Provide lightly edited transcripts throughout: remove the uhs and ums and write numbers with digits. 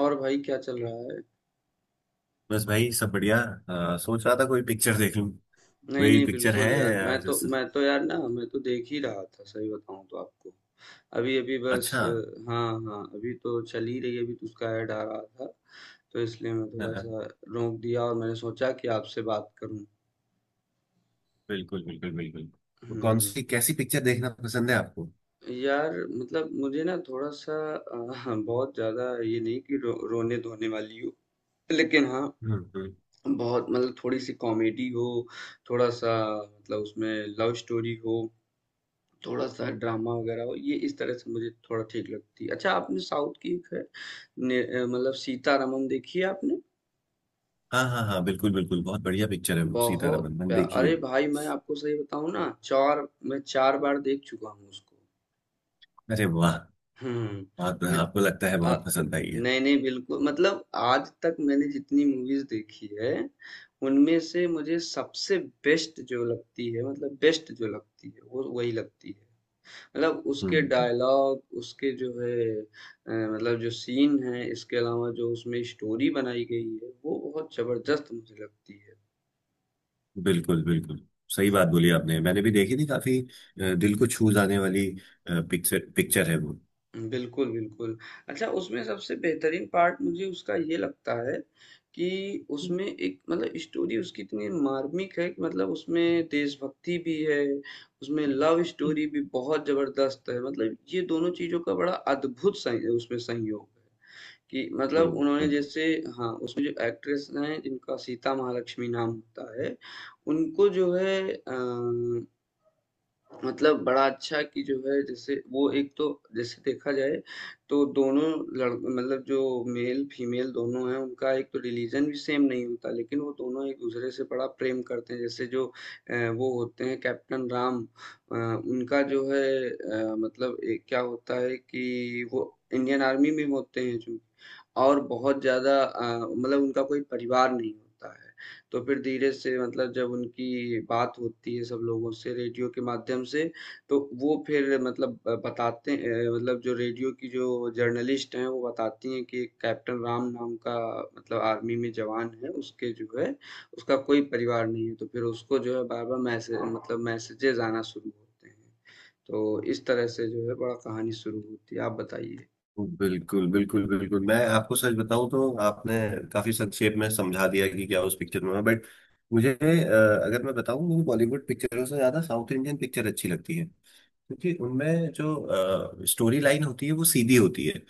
और भाई क्या चल रहा है। बस भाई सब बढ़िया। सोच रहा था कोई पिक्चर देख लूं। नहीं कोई नहीं पिक्चर है? बिल्कुल यार मैं तो जैसे? मैं तो यार ना मैं तो देख ही रहा था, सही बताऊं तो आपको। अभी अभी बस अच्छा। हाँ हाँ अभी तो चल ही रही है, अभी तो उसका ऐड आ रहा था तो इसलिए मैं हाँ, थोड़ा हाँ, सा रोक दिया और मैंने सोचा कि आपसे बात करूं। बिल्कुल बिल्कुल बिल्कुल। तो कौन हम्म। सी कैसी पिक्चर देखना पसंद है आपको? यार मतलब मुझे ना थोड़ा सा बहुत ज्यादा ये नहीं कि रोने धोने वाली हो, लेकिन हाँ, हम्म हम्म। बहुत मतलब थोड़ी सी कॉमेडी हो, थोड़ा सा मतलब उसमें लव स्टोरी हो, थोड़ा-सा ड्रामा वगैरह हो, ये इस तरह से मुझे थोड़ा ठीक लगती है। अच्छा आपने साउथ की एक है ने मतलब सीतारामम देखी है आपने? हाँ हाँ हाँ, बिल्कुल बिल्कुल, बहुत बढ़िया पिक्चर है वो बहुत सीतारमन, मैंने प्या देखी है। अरे भाई मैं आपको सही बताऊँ ना 4 मैं 4 बार देख चुका हूँ उसको। अरे वाह! हुँ, बहुत मैं आपको लगता है अ, बहुत पसंद आई है। नहीं, नहीं बिल्कुल मतलब आज तक मैंने जितनी मूवीज़ देखी है, उनमें से मुझे सबसे बेस्ट जो लगती है, मतलब बेस्ट जो लगती है, वो वही लगती है। मतलब उसके हम्म। डायलॉग, उसके जो है मतलब जो सीन है, इसके अलावा जो उसमें स्टोरी बनाई गई है वो बहुत जबरदस्त मुझे लगती है। बिल्कुल बिल्कुल। सही बात बोली आपने। मैंने भी देखी थी, काफी दिल को छू जाने वाली पिक्चर पिक्चर है वो। बिल्कुल बिल्कुल। अच्छा उसमें सबसे बेहतरीन पार्ट मुझे उसका ये लगता है कि हम्म उसमें एक मतलब स्टोरी उसकी इतनी मार्मिक है कि मतलब उसमें देशभक्ति भी है, उसमें लव स्टोरी भी बहुत जबरदस्त है, मतलब ये दोनों चीजों का बड़ा अद्भुत उसमें संयोग है कि मतलब उन्होंने बिल्कुल। जैसे हाँ, उसमें जो एक्ट्रेस हैं जिनका सीता महालक्ष्मी नाम होता है, उनको जो है मतलब बड़ा अच्छा कि जो है जैसे वो एक तो, जैसे देखा जाए तो दोनों लड़ मतलब जो मेल फीमेल दोनों हैं, उनका एक तो रिलीजन भी सेम नहीं होता, लेकिन वो दोनों एक दूसरे से बड़ा प्रेम करते हैं। जैसे जो वो होते हैं कैप्टन राम, उनका जो है मतलब एक क्या होता है कि वो इंडियन आर्मी में होते हैं जो, और बहुत ज़्यादा मतलब उनका कोई परिवार नहीं होता है। तो फिर धीरे से मतलब जब उनकी बात होती है सब लोगों से रेडियो के माध्यम से, तो वो फिर मतलब मतलब जो रेडियो की जो जर्नलिस्ट हैं, वो बताती हैं कि एक कैप्टन राम नाम का मतलब आर्मी में जवान है, उसके जो है उसका कोई परिवार नहीं है। तो फिर उसको जो है बार-बार मैसेज मतलब मैसेजेज़ आना शुरू होते हैं। तो इस तरह से जो है बड़ा कहानी शुरू होती है। आप बताइए? बिल्कुल बिल्कुल बिल्कुल। मैं आपको सच बताऊं तो आपने काफी संक्षेप में समझा दिया कि क्या उस पिक्चर में। बट मुझे अगर मैं बताऊं, मुझे बॉलीवुड पिक्चरों से ज्यादा साउथ इंडियन पिक्चर अच्छी लगती है, क्योंकि उनमें जो स्टोरी लाइन होती है वो सीधी होती है।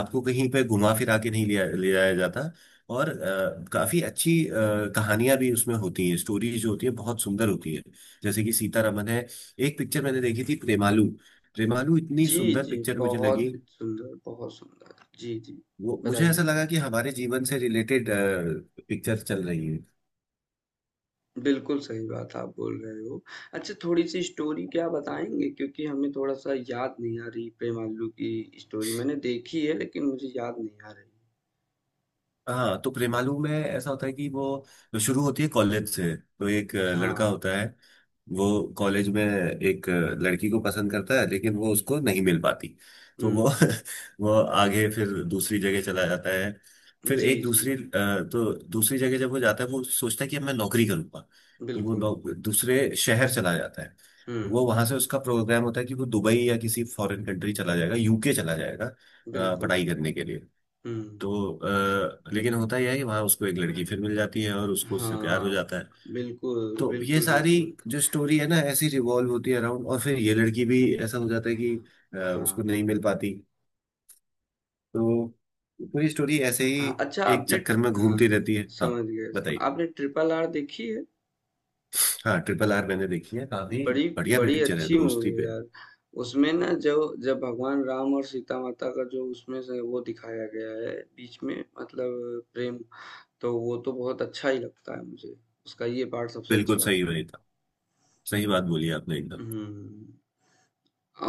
आपको कहीं पे घुमा फिरा के नहीं लिया ले जाया जाता। और काफी कहानियां भी उसमें होती हैं, स्टोरीज जो होती है बहुत सुंदर होती है। जैसे कि सीतारमन है। एक पिक्चर मैंने देखी थी, प्रेमालू। प्रेमालू इतनी जी, सुंदर जी, पिक्चर मुझे बहुत लगी। सुंदर, बहुत सुंदर। जी, जी, वो मुझे ऐसा बताइए। लगा कि हमारे जीवन से रिलेटेड पिक्चर चल रही है। बिल्कुल सही बात आप बोल रहे हो। अच्छा थोड़ी-सी स्टोरी क्या बताएँगे? क्योंकि हमें थोड़ा-सा याद नहीं आ रही प्रेम आलू की स्टोरी। मैंने देखी है लेकिन मुझे याद नहीं आ रही। हाँ, तो प्रेमालू में ऐसा होता है कि वो शुरू होती है कॉलेज से। तो एक लड़का हाँ, होता है, वो कॉलेज में एक लड़की को पसंद करता है, लेकिन वो उसको नहीं मिल पाती। तो वो हुँ। वो आगे फिर दूसरी जगह चला जाता है। फिर जी, एक जी, दूसरी अ, तो दूसरी जगह जब वो जाता है, वो सोचता है कि अब मैं नौकरी करूंगा। तो वो बिल्कुल। दूसरे शहर चला जाता है। हुँ, वो वहां से उसका प्रोग्राम होता है कि वो दुबई या किसी फॉरेन कंट्री चला जाएगा, यूके चला जाएगा बिल्कुल। पढ़ाई करने के लिए। हुँ। तो लेकिन होता यह है कि वहां उसको एक लड़की फिर मिल जाती है और उसको उससे प्यार हो हाँ, जाता है। बिल्कुल, तो ये बिल्कुल, सारी बिल्कुल। जो स्टोरी है ना, ऐसी रिवॉल्व होती है अराउंड। और फिर ये लड़की भी ऐसा हो जाता है कि हाँ, उसको नहीं मिल पाती। तो पूरी स्टोरी ऐसे ही हाँ, अच्छा एक आपने चक्कर में हाँ, घूमती रहती है, हाँ। समझ गए। सर, बताइए। आपने ट्रिपल आर देखी है? हाँ, ट्रिपल आर मैंने देखी है। काफी बड़ी बढ़िया बड़ी पिक्चर है, अच्छी मूवी दोस्ती है पे। यार। उसमें ना जो जब भगवान राम और सीता माता का जो उसमें से वो दिखाया गया है बीच में मतलब प्रेम, तो वो तो बहुत अच्छा ही लगता है मुझे। उसका ये पार्ट सबसे बिल्कुल अच्छा लगता। सही, वही था। सही बात बोली आपने एकदम। हुँ।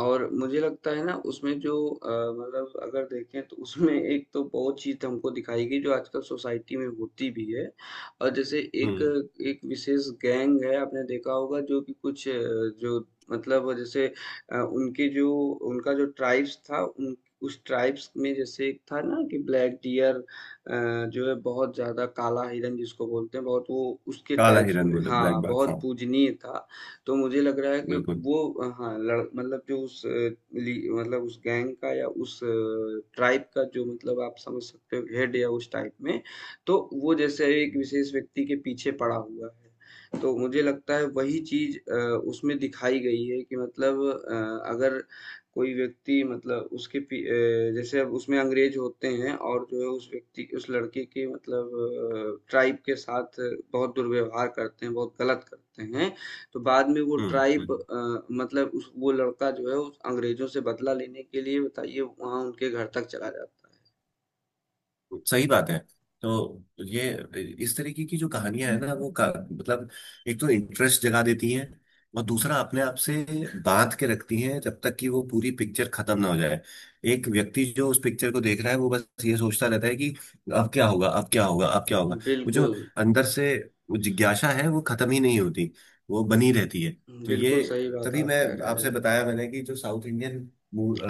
और मुझे लगता है ना उसमें जो मतलब अगर देखें तो उसमें एक तो बहुत चीज़ तो हमको दिखाई गई जो आजकल सोसाइटी में होती भी है। और जैसे एक हम्म। एक विशेष गैंग है, आपने देखा होगा, जो कि कुछ जो मतलब जैसे उनके जो उनका जो ट्राइब्स था, उन उस ट्राइब्स में जैसे एक था ना कि ब्लैक डियर, जो है बहुत ज़्यादा काला हिरन जिसको बोलते हैं, बहुत वो उसके काला ट्राइब्स हिरन, में बोले ब्लैक हाँ, बार, बहुत हाँ। पूजनीय था। तो मुझे लग रहा है कि बिल्कुल। वो हाँ लड़ मतलब जो उस ली मतलब उस गैंग का या उस ट्राइब का जो मतलब आप समझ सकते हो हेड या उस टाइप में, तो वो जैसे एक विशेष व्यक्ति के पीछे पड़ा हुआ है। तो मुझे लगता है वही चीज उसमें दिखाई गई है कि मतलब अगर कोई व्यक्ति मतलब उसके जैसे अब उसमें अंग्रेज होते हैं, और जो है उस व्यक्ति उस लड़के के मतलब ट्राइब के साथ बहुत दुर्व्यवहार करते हैं, बहुत गलत करते हैं, तो बाद में वो हम्म ट्राइब हम्म। मतलब उस वो लड़का जो है उस अंग्रेजों से बदला लेने के लिए बताइए वहाँ उनके घर तक चला जाता सही बात है। तो ये इस तरीके की जो कहानियां है ना, मतलब एक तो इंटरेस्ट जगा देती हैं, और दूसरा अपने आप से बांध के रखती हैं जब तक कि वो पूरी पिक्चर खत्म ना हो जाए। एक व्यक्ति जो उस पिक्चर को देख रहा है, वो बस ये सोचता रहता है कि अब क्या होगा, अब क्या होगा, अब क्या होगा। है। वो जो बिल्कुल, अंदर से वो जिज्ञासा है वो खत्म ही नहीं होती, वो बनी रहती है। तो बिल्कुल ये, सही बात तभी आप मैं कह रहे आपसे हो। बताया मैंने कि जो साउथ इंडियन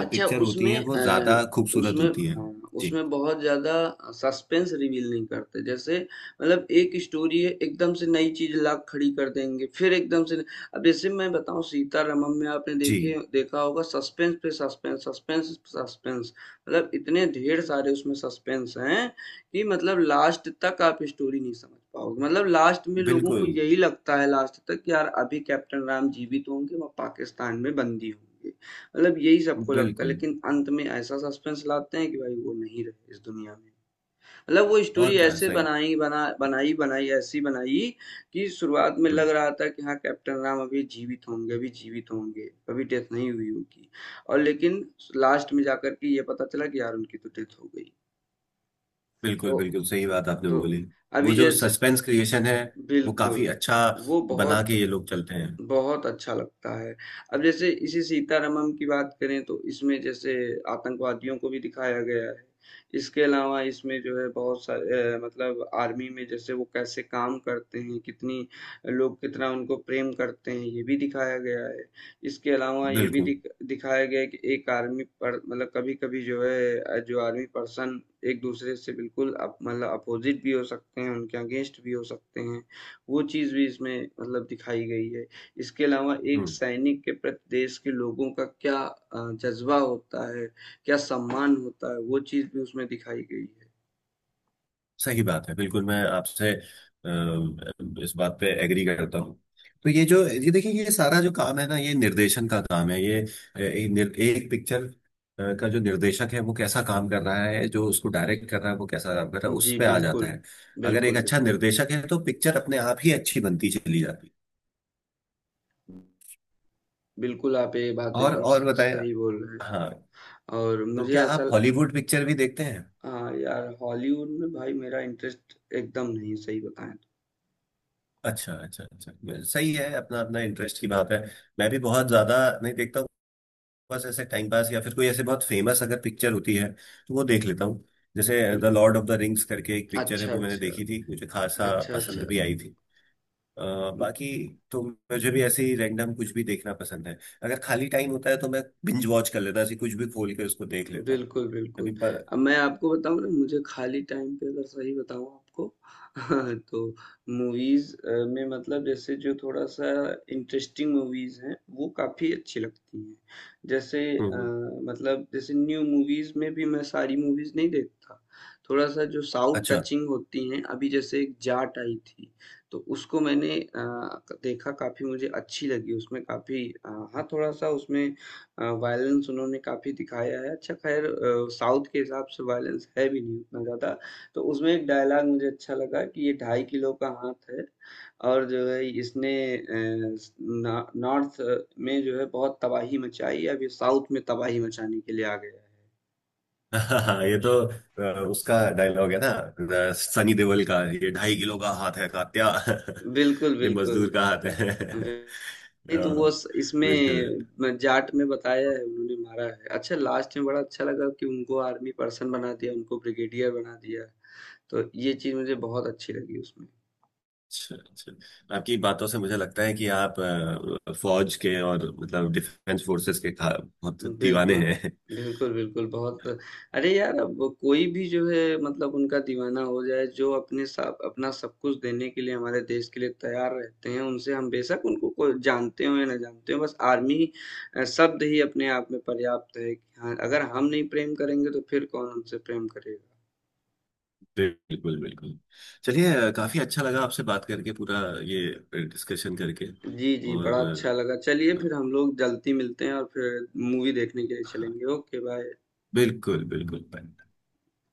अच्छा होती हैं उसमें वो ज्यादा खूबसूरत उसमें होती हैं। हाँ, जी। उसमें बहुत ज़्यादा सस्पेंस रिवील नहीं करते। जैसे मतलब एक स्टोरी है, एकदम से नई चीज़ ला खड़ी कर देंगे, फिर एकदम से अब जैसे मैं बताऊँ सीतारामम में आपने देखे जी। देखा होगा सस्पेंस पे सस्पेंस, सस्पेंस पे सस्पेंस, मतलब इतने ढेर सारे उसमें सस्पेंस हैं कि मतलब लास्ट तक आप स्टोरी नहीं समझ पाओगे। मतलब लास्ट में लोगों को बिल्कुल यही लगता है लास्ट तक कि यार अभी कैप्टन राम जीवित होंगे, वो पाकिस्तान में बंदी होंगे। मतलब यही सबको लगता है बिल्कुल। लेकिन अंत में ऐसा सस्पेंस लाते हैं कि भाई वो नहीं रहे इस दुनिया में। मतलब वो स्टोरी और क्या, ऐसे सही। बनाई बना बनाई बनाई ऐसी बनाई कि शुरुआत में हम्म, लग रहा था कि हाँ कैप्टन राम अभी जीवित होंगे, अभी जीवित होंगे, अभी डेथ नहीं हुई होगी, और लेकिन लास्ट में जाकर के ये पता चला कि यार उनकी तो डेथ हो गई। बिल्कुल। तो बिल्कुल सही बात आपने तो बोली। अभी वो जो जैसे सस्पेंस क्रिएशन है वो बिल्कुल काफी अच्छा वो बना बहुत के ये लोग चलते हैं। बहुत अच्छा लगता है। अब जैसे इसी सीतारमण की बात करें तो इसमें जैसे आतंकवादियों को भी दिखाया गया है। इसके अलावा इसमें जो है बहुत सारे मतलब आर्मी में जैसे वो कैसे काम करते हैं, कितनी लोग कितना उनको प्रेम करते हैं, ये भी दिखाया गया है। इसके अलावा ये भी बिल्कुल। दिखाया गया है कि एक आर्मी पर मतलब कभी-कभी जो है जो आर्मी पर्सन एक-दूसरे से बिल्कुल अप मतलब अपोज़िट भी हो सकते हैं, उनके अगेंस्ट भी हो सकते हैं। वो चीज़ भी इसमें मतलब दिखाई गई है। इसके अलावा एक हम्म। सैनिक के प्रति देश के लोगों का क्या जज़्बा होता है, क्या सम्मान होता है, वो चीज़ भी उसमें दिखाई गई सही बात है, बिल्कुल। मैं आपसे इस बात पे एग्री करता हूँ। तो ये जो, ये देखिए, ये सारा जो काम है ना, ये निर्देशन का काम है। ये एक पिक्चर का जो निर्देशक है वो कैसा काम कर रहा है, जो उसको डायरेक्ट कर रहा है वो कैसा काम कर रहा है, है। उस जी, पे आ जाता बिल्कुल। है। अगर एक बिल्कुल, अच्छा बिल्कुल। निर्देशक है तो पिक्चर अपने आप ही अच्छी बनती चली जाती है। बिल्कुल, आप ये बात एकदम और स बताएं। सही बोल रहे हाँ, हो। और तो मुझे क्या आप ऐसा हॉलीवुड पिक्चर भी देखते हैं? हाँ, यार हॉलीवुड में भाई मेरा इंटरेस्ट एकदम नहीं है, सही बताएँ अच्छा अच्छा अच्छा, सही है। अपना अपना इंटरेस्ट की बात है। मैं भी बहुत ज्यादा नहीं देखता हूँ, बस ऐसे टाइम पास, या फिर कोई ऐसे बहुत फेमस अगर पिक्चर होती है तो वो देख लेता हूँ। जैसे तो। The lord of the rings करके एक पिक्चर है, अच्छा, वो मैंने अच्छा। देखी थी, मुझे खासा अच्छा, पसंद अच्छा। भी आई थी। बाकी तो मुझे भी ऐसे ही रैंडम कुछ भी देखना पसंद है। अगर खाली टाइम होता है तो मैं बिंज वॉच कर लेता हूँ, ऐसे कुछ भी खोल के उसको देख लेता हूँ। बिल्कुल, अभी बिल्कुल। पर। अब मैं आपको बताऊँ ना मुझे खाली टाइम पे अगर सही बताऊँ आपको तो मूवीज़ में मतलब जैसे जो थोड़ा-सा इंटरेस्टिंग मूवीज़ हैं, वो काफ़ी अच्छी लगती हैं। जैसे हम्म, हम्म। मतलब जैसे न्यू मूवीज़ में भी मैं सारी मूवीज़ नहीं देखता। थोड़ा-सा जो साउथ अच्छा। टचिंग होती हैं, अभी जैसे एक जाट आई थी, तो उसको मैंने अ, क देखा, काफ़ी मुझे अच्छी लगी उसमें काफ़ी हाँ, थोड़ा-सा उसमें वायलेंस उन्होंने काफ़ी दिखाया है। अच्छा ख़ैर साउथ के हिसाब से वायलेंस है भी नहीं उतना ज़्यादा। तो उसमें एक डायलॉग मुझे अच्छा लगा कि ये ढाई किलो का हाथ है, और जो है इसने अ, स ना नॉर्थ में जो है बहुत तबाही मचाई, अब ये साउथ में तबाही मचाने के लिए आ गया हाँ, ये तो उसका डायलॉग है ना, सनी देओल का, ये ढाई किलो का हाथ है कात्या। है। बिल्कुल, ये बिल्कुल। मजदूर का हाथ है। नहीं तो वो अ, बिल्कुल। इसमें जाट में बताया है उन्होंने मारा है, अच्छा लास्ट में बड़ा अच्छा लगा कि उनको आर्मी पर्सन बना दिया, उनको ब्रिगेडियर बना दिया। तो ये चीज मुझे बहुत अच्छी लगी उसमें। अच्छा, अच्छा। आपकी बातों से मुझे लगता है कि आप फौज के और मतलब डिफेंस फोर्सेस के बहुत दीवाने बिल्कुल, हैं। बिल्कुल, बिल्कुल, बहुत अरे यार, अब कोई भी जो है मतलब उनका दीवाना हो जाए, जो अपने साथ अपना सब कुछ देने के लिए हमारे देश के लिए तैयार रहते हैं, उनसे हम बेशक उनको को जानते हों या ना जानते हों, बस आर्मी शब्द ही अपने आप में पर्याप्त है कि हाँ, अगर हम नहीं प्रेम करेंगे, तो फिर कौन हमसे प्रेम करेगा। बिल्कुल बिल्कुल। चलिए, काफी अच्छा लगा आपसे बात करके, पूरा ये डिस्कशन करके। जी, जी, बड़ा और अच्छा लगा। चलिए अ, अ, फिर हम लोग जल्दी मिलते हैं और फिर मूवी देखने के लिए हाँ, चलेंगे। Okay, bye. बिल्कुल बिल्कुल।